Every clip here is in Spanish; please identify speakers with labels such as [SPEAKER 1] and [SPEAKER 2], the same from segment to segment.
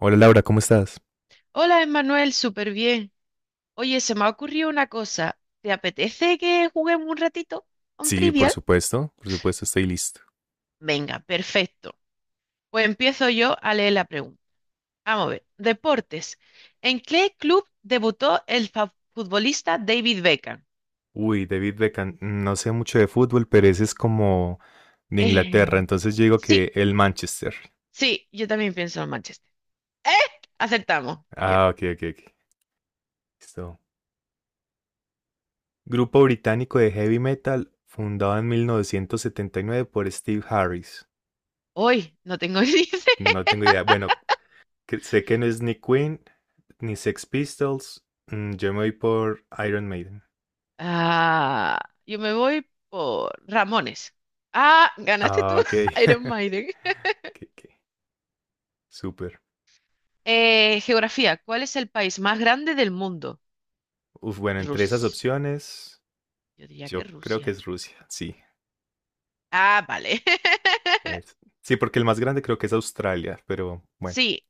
[SPEAKER 1] Hola Laura, ¿cómo estás?
[SPEAKER 2] Hola, Emanuel, súper bien. Oye, se me ha ocurrido una cosa. ¿Te apetece que juguemos un ratito a un
[SPEAKER 1] Sí,
[SPEAKER 2] trivial?
[SPEAKER 1] por supuesto, estoy listo.
[SPEAKER 2] Venga, perfecto. Pues empiezo yo a leer la pregunta. Vamos a ver. Deportes. ¿En qué club debutó el futbolista David Beckham?
[SPEAKER 1] Uy, David Beckham, no sé mucho de fútbol, pero ese es como de
[SPEAKER 2] Eh,
[SPEAKER 1] Inglaterra, entonces yo digo
[SPEAKER 2] sí,
[SPEAKER 1] que el Manchester.
[SPEAKER 2] sí, yo también pienso en Manchester. ¡Eh! Acertamos. Bien.
[SPEAKER 1] Ah, ok, ok, ok. Listo. Grupo británico de heavy metal fundado en 1979 por Steve Harris.
[SPEAKER 2] Hoy no tengo ni idea.
[SPEAKER 1] No tengo idea. Bueno, sé que no es ni Queen ni Sex Pistols. Yo me voy por Iron Maiden.
[SPEAKER 2] Ah, yo me voy por Ramones. Ah, ganaste tú,
[SPEAKER 1] Ah, ok.
[SPEAKER 2] Iron Maiden.
[SPEAKER 1] Ok, ok. Súper.
[SPEAKER 2] Geografía. ¿Cuál es el país más grande del mundo?
[SPEAKER 1] Uf, bueno, entre esas
[SPEAKER 2] Rusia.
[SPEAKER 1] opciones.
[SPEAKER 2] Yo diría que
[SPEAKER 1] Yo creo que
[SPEAKER 2] Rusia.
[SPEAKER 1] es Rusia, sí.
[SPEAKER 2] Ah, vale.
[SPEAKER 1] es- Sí, porque el más grande creo que es Australia, pero bueno.
[SPEAKER 2] Sí.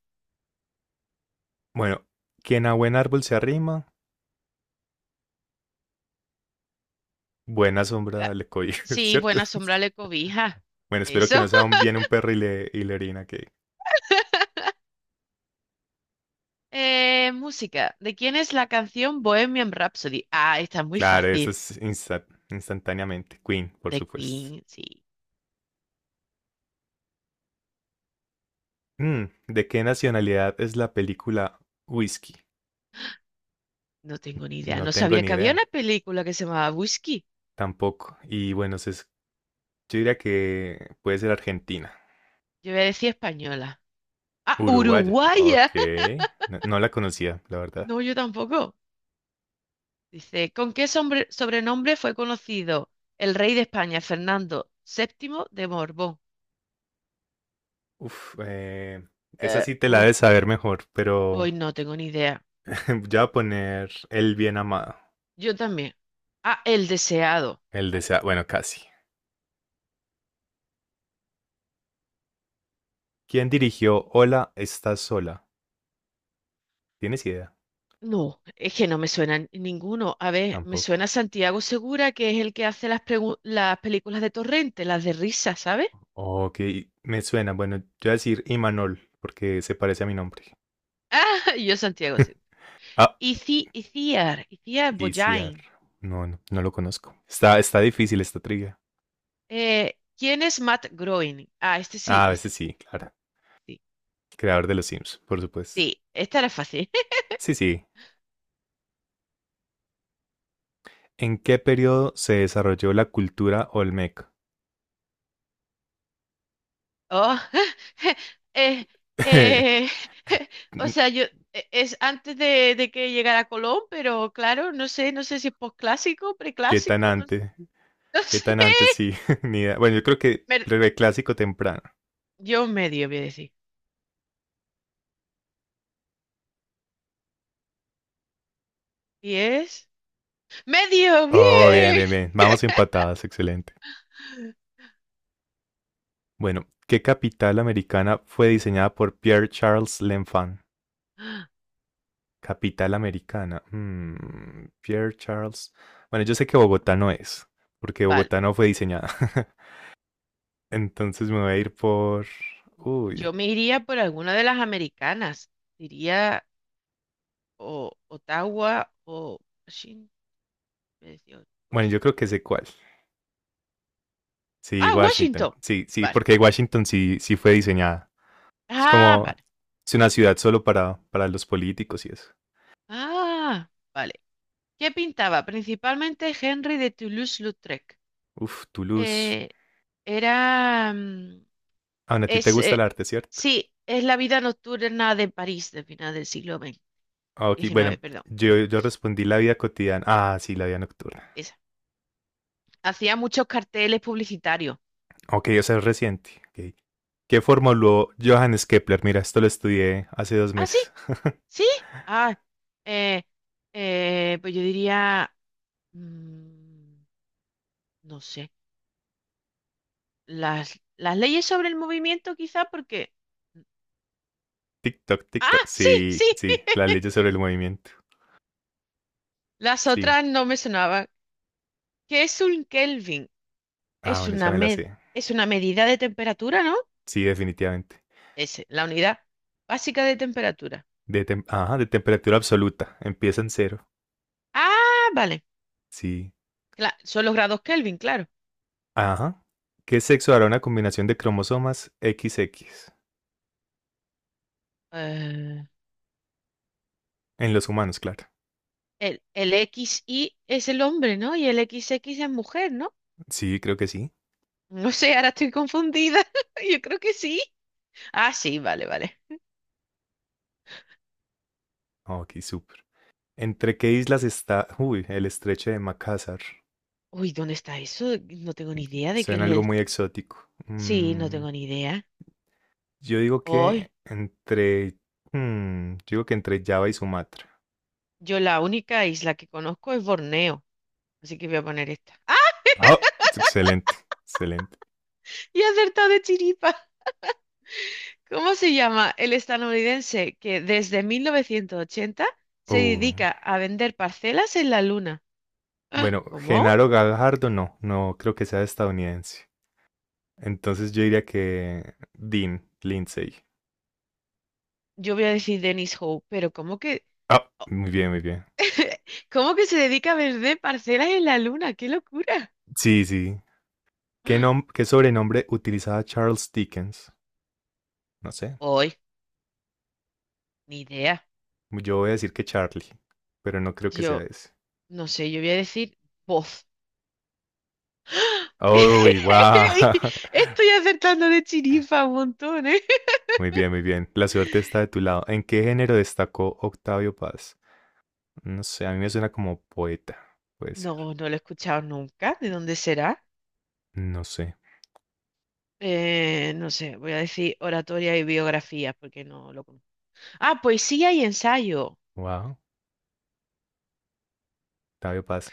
[SPEAKER 1] Bueno, quien a buen árbol se arrima, buena
[SPEAKER 2] ah,
[SPEAKER 1] sombra le cobija,
[SPEAKER 2] Sí,
[SPEAKER 1] ¿cierto?
[SPEAKER 2] buena sombra le cobija.
[SPEAKER 1] Bueno, espero
[SPEAKER 2] Eso.
[SPEAKER 1] que no sea viene un perro y le orina, que...
[SPEAKER 2] Música. ¿De quién es la canción Bohemian Rhapsody? Ah, está muy
[SPEAKER 1] Claro, eso
[SPEAKER 2] fácil.
[SPEAKER 1] es instantáneamente. Queen, por
[SPEAKER 2] De
[SPEAKER 1] supuesto.
[SPEAKER 2] Queen, sí.
[SPEAKER 1] ¿De qué nacionalidad es la película Whisky?
[SPEAKER 2] No tengo ni idea.
[SPEAKER 1] No
[SPEAKER 2] No
[SPEAKER 1] tengo
[SPEAKER 2] sabía
[SPEAKER 1] ni
[SPEAKER 2] que había
[SPEAKER 1] idea,
[SPEAKER 2] una película que se llamaba Whisky.
[SPEAKER 1] tampoco. Y bueno, yo diría que puede ser Argentina.
[SPEAKER 2] Yo voy a decir española. Ah,
[SPEAKER 1] Uruguaya, ok.
[SPEAKER 2] uruguaya.
[SPEAKER 1] No, no la conocía, la verdad.
[SPEAKER 2] No, yo tampoco. Dice, ¿con qué sobrenombre fue conocido el rey de España, Fernando VII de Borbón?
[SPEAKER 1] Uf, esa
[SPEAKER 2] Eh,
[SPEAKER 1] sí te la
[SPEAKER 2] uh,
[SPEAKER 1] debes saber mejor, pero
[SPEAKER 2] Hoy no tengo ni idea.
[SPEAKER 1] ya voy a poner El bien amado,
[SPEAKER 2] Yo también. Ah, el deseado.
[SPEAKER 1] el
[SPEAKER 2] Vale.
[SPEAKER 1] desea, bueno, casi. ¿Quién dirigió Hola, estás sola? ¿Tienes idea?
[SPEAKER 2] No, es que no me suena ninguno. A ver, me
[SPEAKER 1] Tampoco.
[SPEAKER 2] suena Santiago Segura, que es el que hace las películas de Torrente, las de risa, ¿sabes?
[SPEAKER 1] Ok, me suena. Bueno, yo voy a decir Imanol, porque se parece a mi nombre.
[SPEAKER 2] Ah, yo Santiago Segura.
[SPEAKER 1] Ah,
[SPEAKER 2] Iciar
[SPEAKER 1] Isiar.
[SPEAKER 2] Boyain.
[SPEAKER 1] No, no, no lo conozco. Está difícil esta trivia.
[SPEAKER 2] ¿Quién es Matt Groening? Ah, este sí,
[SPEAKER 1] Ah, a veces
[SPEAKER 2] este
[SPEAKER 1] sí, claro.
[SPEAKER 2] sí.
[SPEAKER 1] El creador de los Sims, por supuesto.
[SPEAKER 2] Sí, esta era fácil.
[SPEAKER 1] Sí, sí. ¿En qué periodo se desarrolló la cultura Olmeca?
[SPEAKER 2] Oh, eh, eh, o sea, es antes de que llegara Colón, pero claro, no sé si es posclásico,
[SPEAKER 1] ¿Qué tan
[SPEAKER 2] preclásico, no,
[SPEAKER 1] antes?
[SPEAKER 2] no
[SPEAKER 1] ¿Qué
[SPEAKER 2] sé.
[SPEAKER 1] tan antes? Sí, ni idea. Bueno, yo creo que
[SPEAKER 2] Mer-
[SPEAKER 1] clásico temprano.
[SPEAKER 2] yo medio voy a decir. ¿Y es? ¡Medio!
[SPEAKER 1] Oh, bien,
[SPEAKER 2] ¡Bien!
[SPEAKER 1] bien, bien. Vamos empatadas, excelente. Bueno, ¿qué capital americana fue diseñada por Pierre Charles L'Enfant? Capital americana. Pierre Charles. Bueno, yo sé que Bogotá no es, porque
[SPEAKER 2] Vale,
[SPEAKER 1] Bogotá no fue diseñada. Entonces me voy a ir por... Uy.
[SPEAKER 2] yo me iría por alguna de las americanas. Diría o Ottawa o Washington.
[SPEAKER 1] Bueno, yo creo que sé cuál. Sí,
[SPEAKER 2] Ah,
[SPEAKER 1] Washington.
[SPEAKER 2] Washington.
[SPEAKER 1] Sí, sí,
[SPEAKER 2] Vale.
[SPEAKER 1] porque Washington sí, sí fue diseñada. Es
[SPEAKER 2] Ah,
[SPEAKER 1] como,
[SPEAKER 2] vale.
[SPEAKER 1] es una ciudad solo para los políticos y eso.
[SPEAKER 2] Ah, vale. ¿Qué pintaba? Principalmente Henry de Toulouse-Lautrec.
[SPEAKER 1] Uf, Toulouse.
[SPEAKER 2] Eh, Era.
[SPEAKER 1] Aún a ti te
[SPEAKER 2] Es,
[SPEAKER 1] gusta el
[SPEAKER 2] eh,
[SPEAKER 1] arte, ¿cierto?
[SPEAKER 2] sí, es la vida nocturna de París del final del siglo XX,
[SPEAKER 1] Ah, Ok,
[SPEAKER 2] XIX,
[SPEAKER 1] bueno,
[SPEAKER 2] perdón.
[SPEAKER 1] yo respondí la vida cotidiana. Ah, sí, la vida nocturna.
[SPEAKER 2] Esa. Hacía muchos carteles publicitarios.
[SPEAKER 1] Ok, o sea, es reciente. Ok. ¿Qué formuló Johannes Kepler? Mira, esto lo estudié hace 2
[SPEAKER 2] Ah, sí,
[SPEAKER 1] meses.
[SPEAKER 2] sí. Ah, eh, pues yo diría. mm, no sé. Las leyes sobre el movimiento, quizá, porque.
[SPEAKER 1] TikTok, TikTok.
[SPEAKER 2] Ah, sí,
[SPEAKER 1] Sí,
[SPEAKER 2] sí.
[SPEAKER 1] sí, las leyes sobre el movimiento.
[SPEAKER 2] Las
[SPEAKER 1] Sí.
[SPEAKER 2] otras no me sonaban. ¿Qué es un Kelvin?
[SPEAKER 1] Ah,
[SPEAKER 2] Es
[SPEAKER 1] bueno, esa
[SPEAKER 2] una
[SPEAKER 1] me la
[SPEAKER 2] med-
[SPEAKER 1] sé.
[SPEAKER 2] es una medida de temperatura, ¿no?
[SPEAKER 1] Sí, definitivamente.
[SPEAKER 2] Es la unidad básica de temperatura.
[SPEAKER 1] Ajá, de temperatura absoluta. Empieza en cero.
[SPEAKER 2] Ah, vale.
[SPEAKER 1] Sí.
[SPEAKER 2] Son los grados Kelvin, claro.
[SPEAKER 1] Ajá. ¿Qué sexo hará una combinación de cromosomas XX?
[SPEAKER 2] Eh,
[SPEAKER 1] En los humanos, claro.
[SPEAKER 2] el X y es el hombre, ¿no? Y el X X es mujer, ¿no?
[SPEAKER 1] Sí, creo que sí.
[SPEAKER 2] No sé, ahora estoy confundida. Yo creo que sí. Ah, sí, vale, vale.
[SPEAKER 1] Ok, súper. ¿Entre qué islas está? Uy, el estrecho de Makassar.
[SPEAKER 2] Uy, ¿dónde está eso? No tengo ni idea de qué
[SPEAKER 1] Suena algo
[SPEAKER 2] es
[SPEAKER 1] muy
[SPEAKER 2] el...
[SPEAKER 1] exótico.
[SPEAKER 2] Sí, no tengo ni idea.
[SPEAKER 1] Yo digo
[SPEAKER 2] Oh,
[SPEAKER 1] que entre... yo digo que entre Java y Sumatra.
[SPEAKER 2] Yo la única isla que conozco es Borneo, así que voy a poner esta. ¡Ah!
[SPEAKER 1] Ah, excelente, excelente.
[SPEAKER 2] Y he acertado de chiripa. ¿Cómo se llama el estadounidense que desde 1980 se
[SPEAKER 1] Uh,
[SPEAKER 2] dedica a vender parcelas en la luna? ¡Ah!
[SPEAKER 1] bueno,
[SPEAKER 2] ¿Cómo?
[SPEAKER 1] Genaro Gajardo no, no creo que sea estadounidense. Entonces yo diría que Dean Lindsay.
[SPEAKER 2] Yo voy a decir Dennis Howe, pero ¿cómo que,
[SPEAKER 1] Ah, muy bien, muy bien.
[SPEAKER 2] cómo que se dedica a vender parcelas en la luna? ¡Qué locura!
[SPEAKER 1] Sí, sí. ¿Qué,
[SPEAKER 2] ¡Ah!
[SPEAKER 1] nom- qué sobrenombre utilizaba Charles Dickens? No sé.
[SPEAKER 2] Hoy, ni idea.
[SPEAKER 1] Yo voy a decir que Charlie, pero no creo que sea
[SPEAKER 2] Yo,
[SPEAKER 1] ese.
[SPEAKER 2] no sé, yo voy a decir voz.
[SPEAKER 1] ¡Uy, wow!
[SPEAKER 2] Estoy acertando de chiripa un montón, ¿eh?
[SPEAKER 1] Muy bien, muy bien. La suerte está de tu lado. ¿En qué género destacó Octavio Paz? No sé, a mí me suena como poeta. Puede ser.
[SPEAKER 2] No, no lo he escuchado nunca. ¿De dónde será?
[SPEAKER 1] No sé.
[SPEAKER 2] No sé, voy a decir oratoria y biografía porque no lo conozco. Ah, poesía y ensayo.
[SPEAKER 1] Wow, Octavio Paz.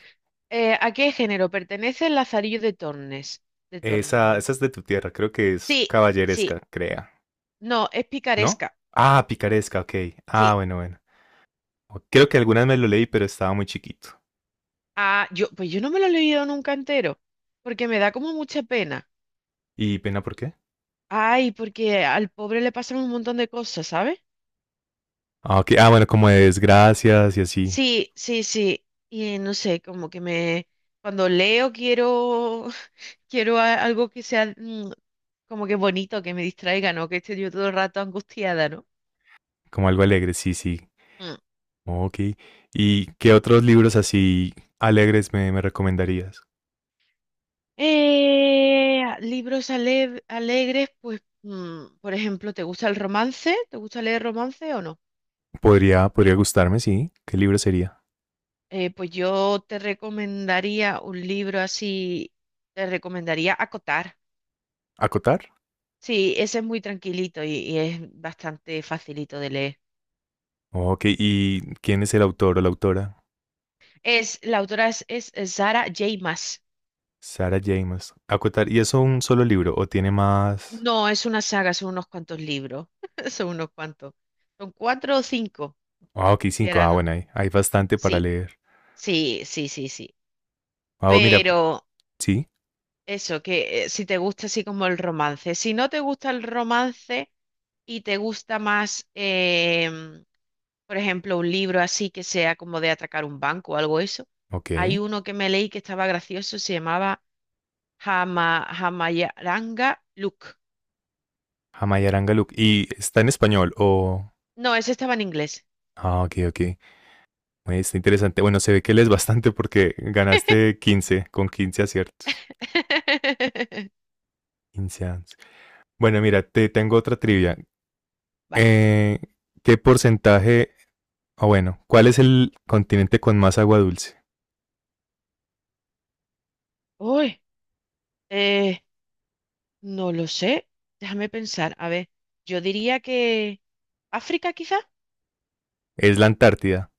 [SPEAKER 2] ¿A qué género pertenece el Lazarillo de Tornes? De
[SPEAKER 1] Esa
[SPEAKER 2] Tormes.
[SPEAKER 1] es de tu tierra, creo que es
[SPEAKER 2] Sí,
[SPEAKER 1] caballeresca,
[SPEAKER 2] sí.
[SPEAKER 1] crea.
[SPEAKER 2] No, es
[SPEAKER 1] ¿No?
[SPEAKER 2] picaresca.
[SPEAKER 1] Ah, picaresca, ok. Ah,
[SPEAKER 2] Sí.
[SPEAKER 1] bueno, bueno. Creo que algunas me lo leí, pero estaba muy chiquito.
[SPEAKER 2] Ah, pues yo no me lo he leído nunca entero porque me da como mucha pena.
[SPEAKER 1] ¿Y pena por qué?
[SPEAKER 2] Ay, porque al pobre le pasan un montón de cosas, ¿sabes?
[SPEAKER 1] Ah, ok. Ah, bueno, como de desgracias y así,
[SPEAKER 2] Sí, sí, sí. Y no sé, como que me... Cuando leo quiero Quiero algo que sea como que bonito, que me distraiga, ¿no? Que esté yo todo el rato angustiada, ¿no?
[SPEAKER 1] como algo alegre, sí, sí.
[SPEAKER 2] Mm.
[SPEAKER 1] Ok. ¿Y qué otros libros así alegres me recomendarías?
[SPEAKER 2] Libros alegres, pues, por ejemplo, ¿te gusta el romance? ¿Te gusta leer romance o no?
[SPEAKER 1] Podría, podría gustarme, sí. ¿Qué libro sería?
[SPEAKER 2] Pues yo te recomendaría un libro así, te recomendaría Acotar.
[SPEAKER 1] ¿Acotar?
[SPEAKER 2] Sí, ese es muy tranquilito y es bastante facilito de leer.
[SPEAKER 1] Ok, ¿y quién es el autor o la autora?
[SPEAKER 2] La autora es Sarah J. Maas.
[SPEAKER 1] Sarah James. Acotar, ¿y es un solo libro o tiene más?
[SPEAKER 2] No, es una saga, son unos cuantos libros. Son unos cuantos. Son cuatro o cinco,
[SPEAKER 1] Ah, ok,
[SPEAKER 2] si
[SPEAKER 1] cinco.
[SPEAKER 2] era,
[SPEAKER 1] Ah,
[SPEAKER 2] ¿no?
[SPEAKER 1] bueno, hay bastante para
[SPEAKER 2] Sí,
[SPEAKER 1] leer.
[SPEAKER 2] sí, sí, sí, sí.
[SPEAKER 1] Ah, oh, mira,
[SPEAKER 2] Pero
[SPEAKER 1] sí,
[SPEAKER 2] eso, que si te gusta así como el romance. Si no te gusta el romance y te gusta más, por ejemplo, un libro así que sea como de atacar un banco o algo eso, hay
[SPEAKER 1] ok.
[SPEAKER 2] uno que me leí que estaba gracioso, se llamaba Hamayaranga Luke.
[SPEAKER 1] Jamaya Arangaluk. ¿Y está en español o...?
[SPEAKER 2] No, ese estaba en inglés.
[SPEAKER 1] Ah, ok, ok. Oye, está interesante. Bueno, se ve que lees bastante porque ganaste 15 con 15 aciertos. 15 ans- Bueno, mira, te tengo otra trivia.
[SPEAKER 2] Vale.
[SPEAKER 1] Eh, ¿Qué porcentaje, o bueno, cuál es el continente con más agua dulce?
[SPEAKER 2] Uy, Eh, no lo sé. Déjame pensar. A ver, yo diría que África quizá.
[SPEAKER 1] Es la Antártida.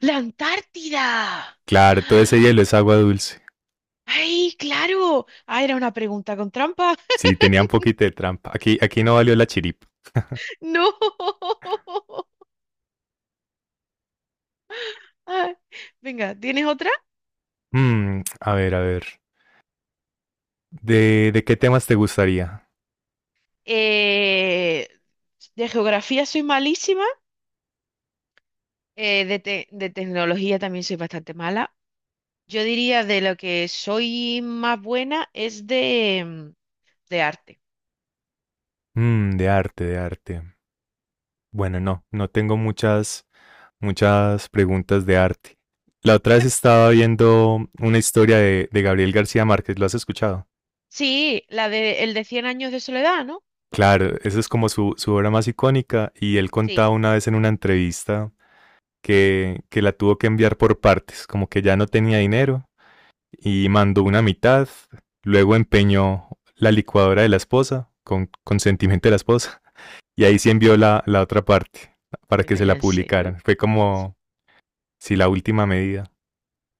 [SPEAKER 2] ¡La Antártida!
[SPEAKER 1] Claro, todo ese hielo es agua dulce.
[SPEAKER 2] ¡Ay, claro! Ah, era una pregunta con trampa.
[SPEAKER 1] Sí, tenía un poquito de trampa. Aquí no valió la chiripa.
[SPEAKER 2] ¡No! Ay, venga, ¿tienes otra?
[SPEAKER 1] A ver, a ver. ¿De qué temas te gustaría?
[SPEAKER 2] Eh, de geografía soy malísima. De tecnología también soy bastante mala. Yo diría de lo que soy más buena es de arte.
[SPEAKER 1] De arte, de arte. Bueno, no, no tengo muchas preguntas de arte. La otra vez estaba viendo una historia de Gabriel García Márquez, ¿lo has escuchado?
[SPEAKER 2] Sí, la de el de cien años de soledad, ¿no?
[SPEAKER 1] Claro, esa es como su obra más icónica y él
[SPEAKER 2] Sí.
[SPEAKER 1] contaba una vez en una entrevista que la tuvo que enviar por partes, como que ya no tenía dinero y mandó una mitad, luego empeñó la licuadora de la esposa, con consentimiento de la esposa, y ahí sí envió la otra parte para que
[SPEAKER 2] Venga,
[SPEAKER 1] se
[SPEAKER 2] ya,
[SPEAKER 1] la
[SPEAKER 2] ¿en serio?
[SPEAKER 1] publicaran. Fue como, si sí, la última medida.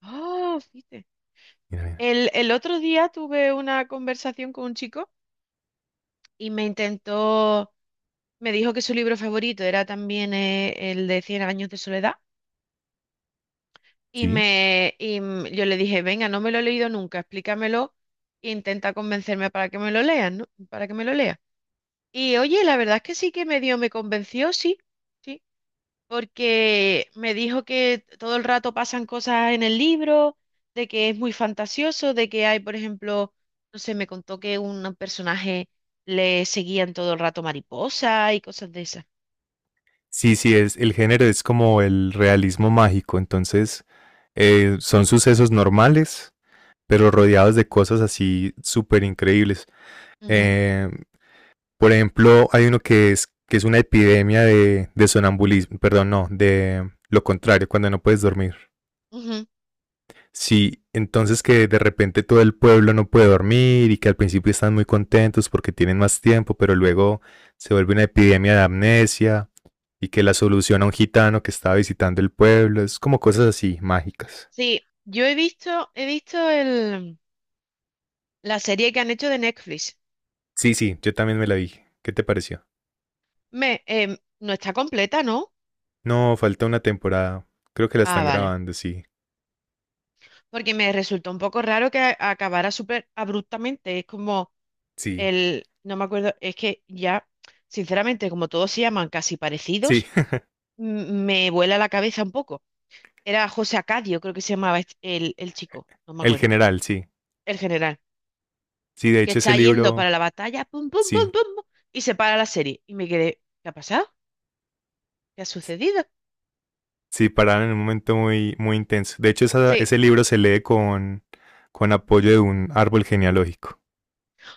[SPEAKER 2] Oh, fíjate.
[SPEAKER 1] Mira, mira.
[SPEAKER 2] El otro día tuve una conversación con un chico y me intentó, me dijo que su libro favorito era también el de cien años de soledad
[SPEAKER 1] Sí,
[SPEAKER 2] yo le dije, venga, no me lo he leído nunca, explícamelo e intenta convencerme para que me lo lean, ¿no? Para que me lo lea. Y oye, la verdad es que sí que medio me convenció, sí, sí. Porque me dijo que todo el rato pasan cosas en el libro, de que es muy fantasioso, de que hay, por ejemplo, no sé, me contó que un personaje le seguían todo el rato mariposa y cosas de esas.
[SPEAKER 1] sí, sí, el género es como el realismo mágico, entonces son sucesos normales, pero
[SPEAKER 2] Ujú,
[SPEAKER 1] rodeados de cosas así súper increíbles.
[SPEAKER 2] ujú,
[SPEAKER 1] Eh, por ejemplo, hay uno que es, una epidemia de sonambulismo, perdón, no, de lo contrario, cuando no puedes dormir.
[SPEAKER 2] ujú.
[SPEAKER 1] Sí, entonces que de repente todo el pueblo no puede dormir y que al principio están muy contentos porque tienen más tiempo, pero luego se vuelve una epidemia de amnesia y que la solución a un gitano que estaba visitando el pueblo es como cosas así, mágicas.
[SPEAKER 2] Sí, yo he visto el, la serie que han hecho de Netflix.
[SPEAKER 1] Sí, sí, yo también me la vi. ¿Qué te pareció?
[SPEAKER 2] No está completa, ¿no?
[SPEAKER 1] No, falta una temporada. Creo que la
[SPEAKER 2] Ah,
[SPEAKER 1] están
[SPEAKER 2] vale.
[SPEAKER 1] grabando, sí.
[SPEAKER 2] Porque me resultó un poco raro que acabara súper abruptamente. Es como
[SPEAKER 1] Sí,
[SPEAKER 2] el, no me acuerdo, es que ya, sinceramente, como todos se llaman casi
[SPEAKER 1] sí.
[SPEAKER 2] parecidos, me vuela la cabeza un poco. Era José Acadio, creo que se llamaba el chico, no me
[SPEAKER 1] El
[SPEAKER 2] acuerdo,
[SPEAKER 1] general, sí.
[SPEAKER 2] el general,
[SPEAKER 1] Sí, de
[SPEAKER 2] que
[SPEAKER 1] hecho ese
[SPEAKER 2] está yendo para
[SPEAKER 1] libro,
[SPEAKER 2] la batalla, pum, pum, pum,
[SPEAKER 1] sí,
[SPEAKER 2] pum, pum, y se para la serie. Y me quedé, ¿qué ha pasado? ¿Qué ha sucedido?
[SPEAKER 1] sí, pararon en un momento muy, muy intenso. De hecho, esa-
[SPEAKER 2] Sí.
[SPEAKER 1] ese libro se lee con apoyo de un árbol genealógico.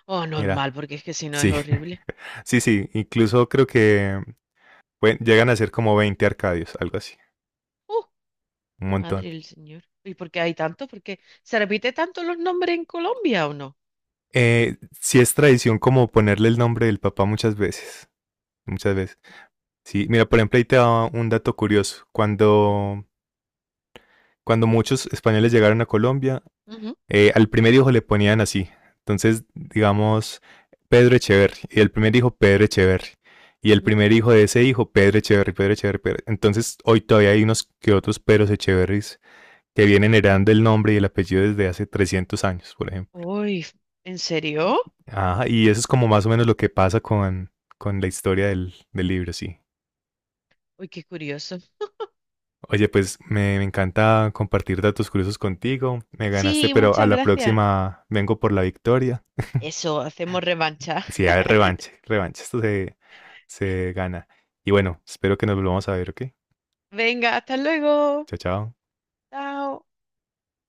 [SPEAKER 2] Oh, normal,
[SPEAKER 1] Mira,
[SPEAKER 2] porque es que si no es
[SPEAKER 1] sí,
[SPEAKER 2] horrible.
[SPEAKER 1] sí, sí. Incluso creo que llegan a ser como 20 Arcadios, algo así,
[SPEAKER 2] Uh,
[SPEAKER 1] un montón.
[SPEAKER 2] Madre del Señor. ¿Y por qué hay tanto? ¿Por qué se repite tanto los nombres en Colombia o no?
[SPEAKER 1] Sí es tradición como ponerle el nombre del papá muchas veces, muchas veces. Sí, mira, por ejemplo, ahí te da un dato curioso.
[SPEAKER 2] Ujú,
[SPEAKER 1] Cuando muchos españoles llegaron a Colombia,
[SPEAKER 2] ujú,
[SPEAKER 1] al primer hijo le ponían así. Entonces, digamos, Pedro Echeverri. Y el primer hijo, Pedro Echeverri. Y el
[SPEAKER 2] ujú.
[SPEAKER 1] primer hijo de ese hijo, Pedro Echeverri, Pedro Echeverri. Entonces, hoy todavía hay unos que otros Pedros Echeverris que vienen heredando el nombre y el apellido desde hace 300 años, por ejemplo.
[SPEAKER 2] Uy, ¿en serio?
[SPEAKER 1] Ah, y eso es como más o menos lo que pasa con la historia del libro, sí.
[SPEAKER 2] Uy, qué curioso.
[SPEAKER 1] Oye, pues me encanta compartir datos curiosos contigo. Me ganaste,
[SPEAKER 2] Sí,
[SPEAKER 1] pero a
[SPEAKER 2] muchas
[SPEAKER 1] la
[SPEAKER 2] gracias.
[SPEAKER 1] próxima vengo por la victoria.
[SPEAKER 2] Eso, hacemos revancha.
[SPEAKER 1] Sí, a ver, revanche, revanche. Esto se gana. Y bueno, espero que nos volvamos a ver, ¿ok?
[SPEAKER 2] Venga, hasta luego.
[SPEAKER 1] Chao, chao.
[SPEAKER 2] Chao.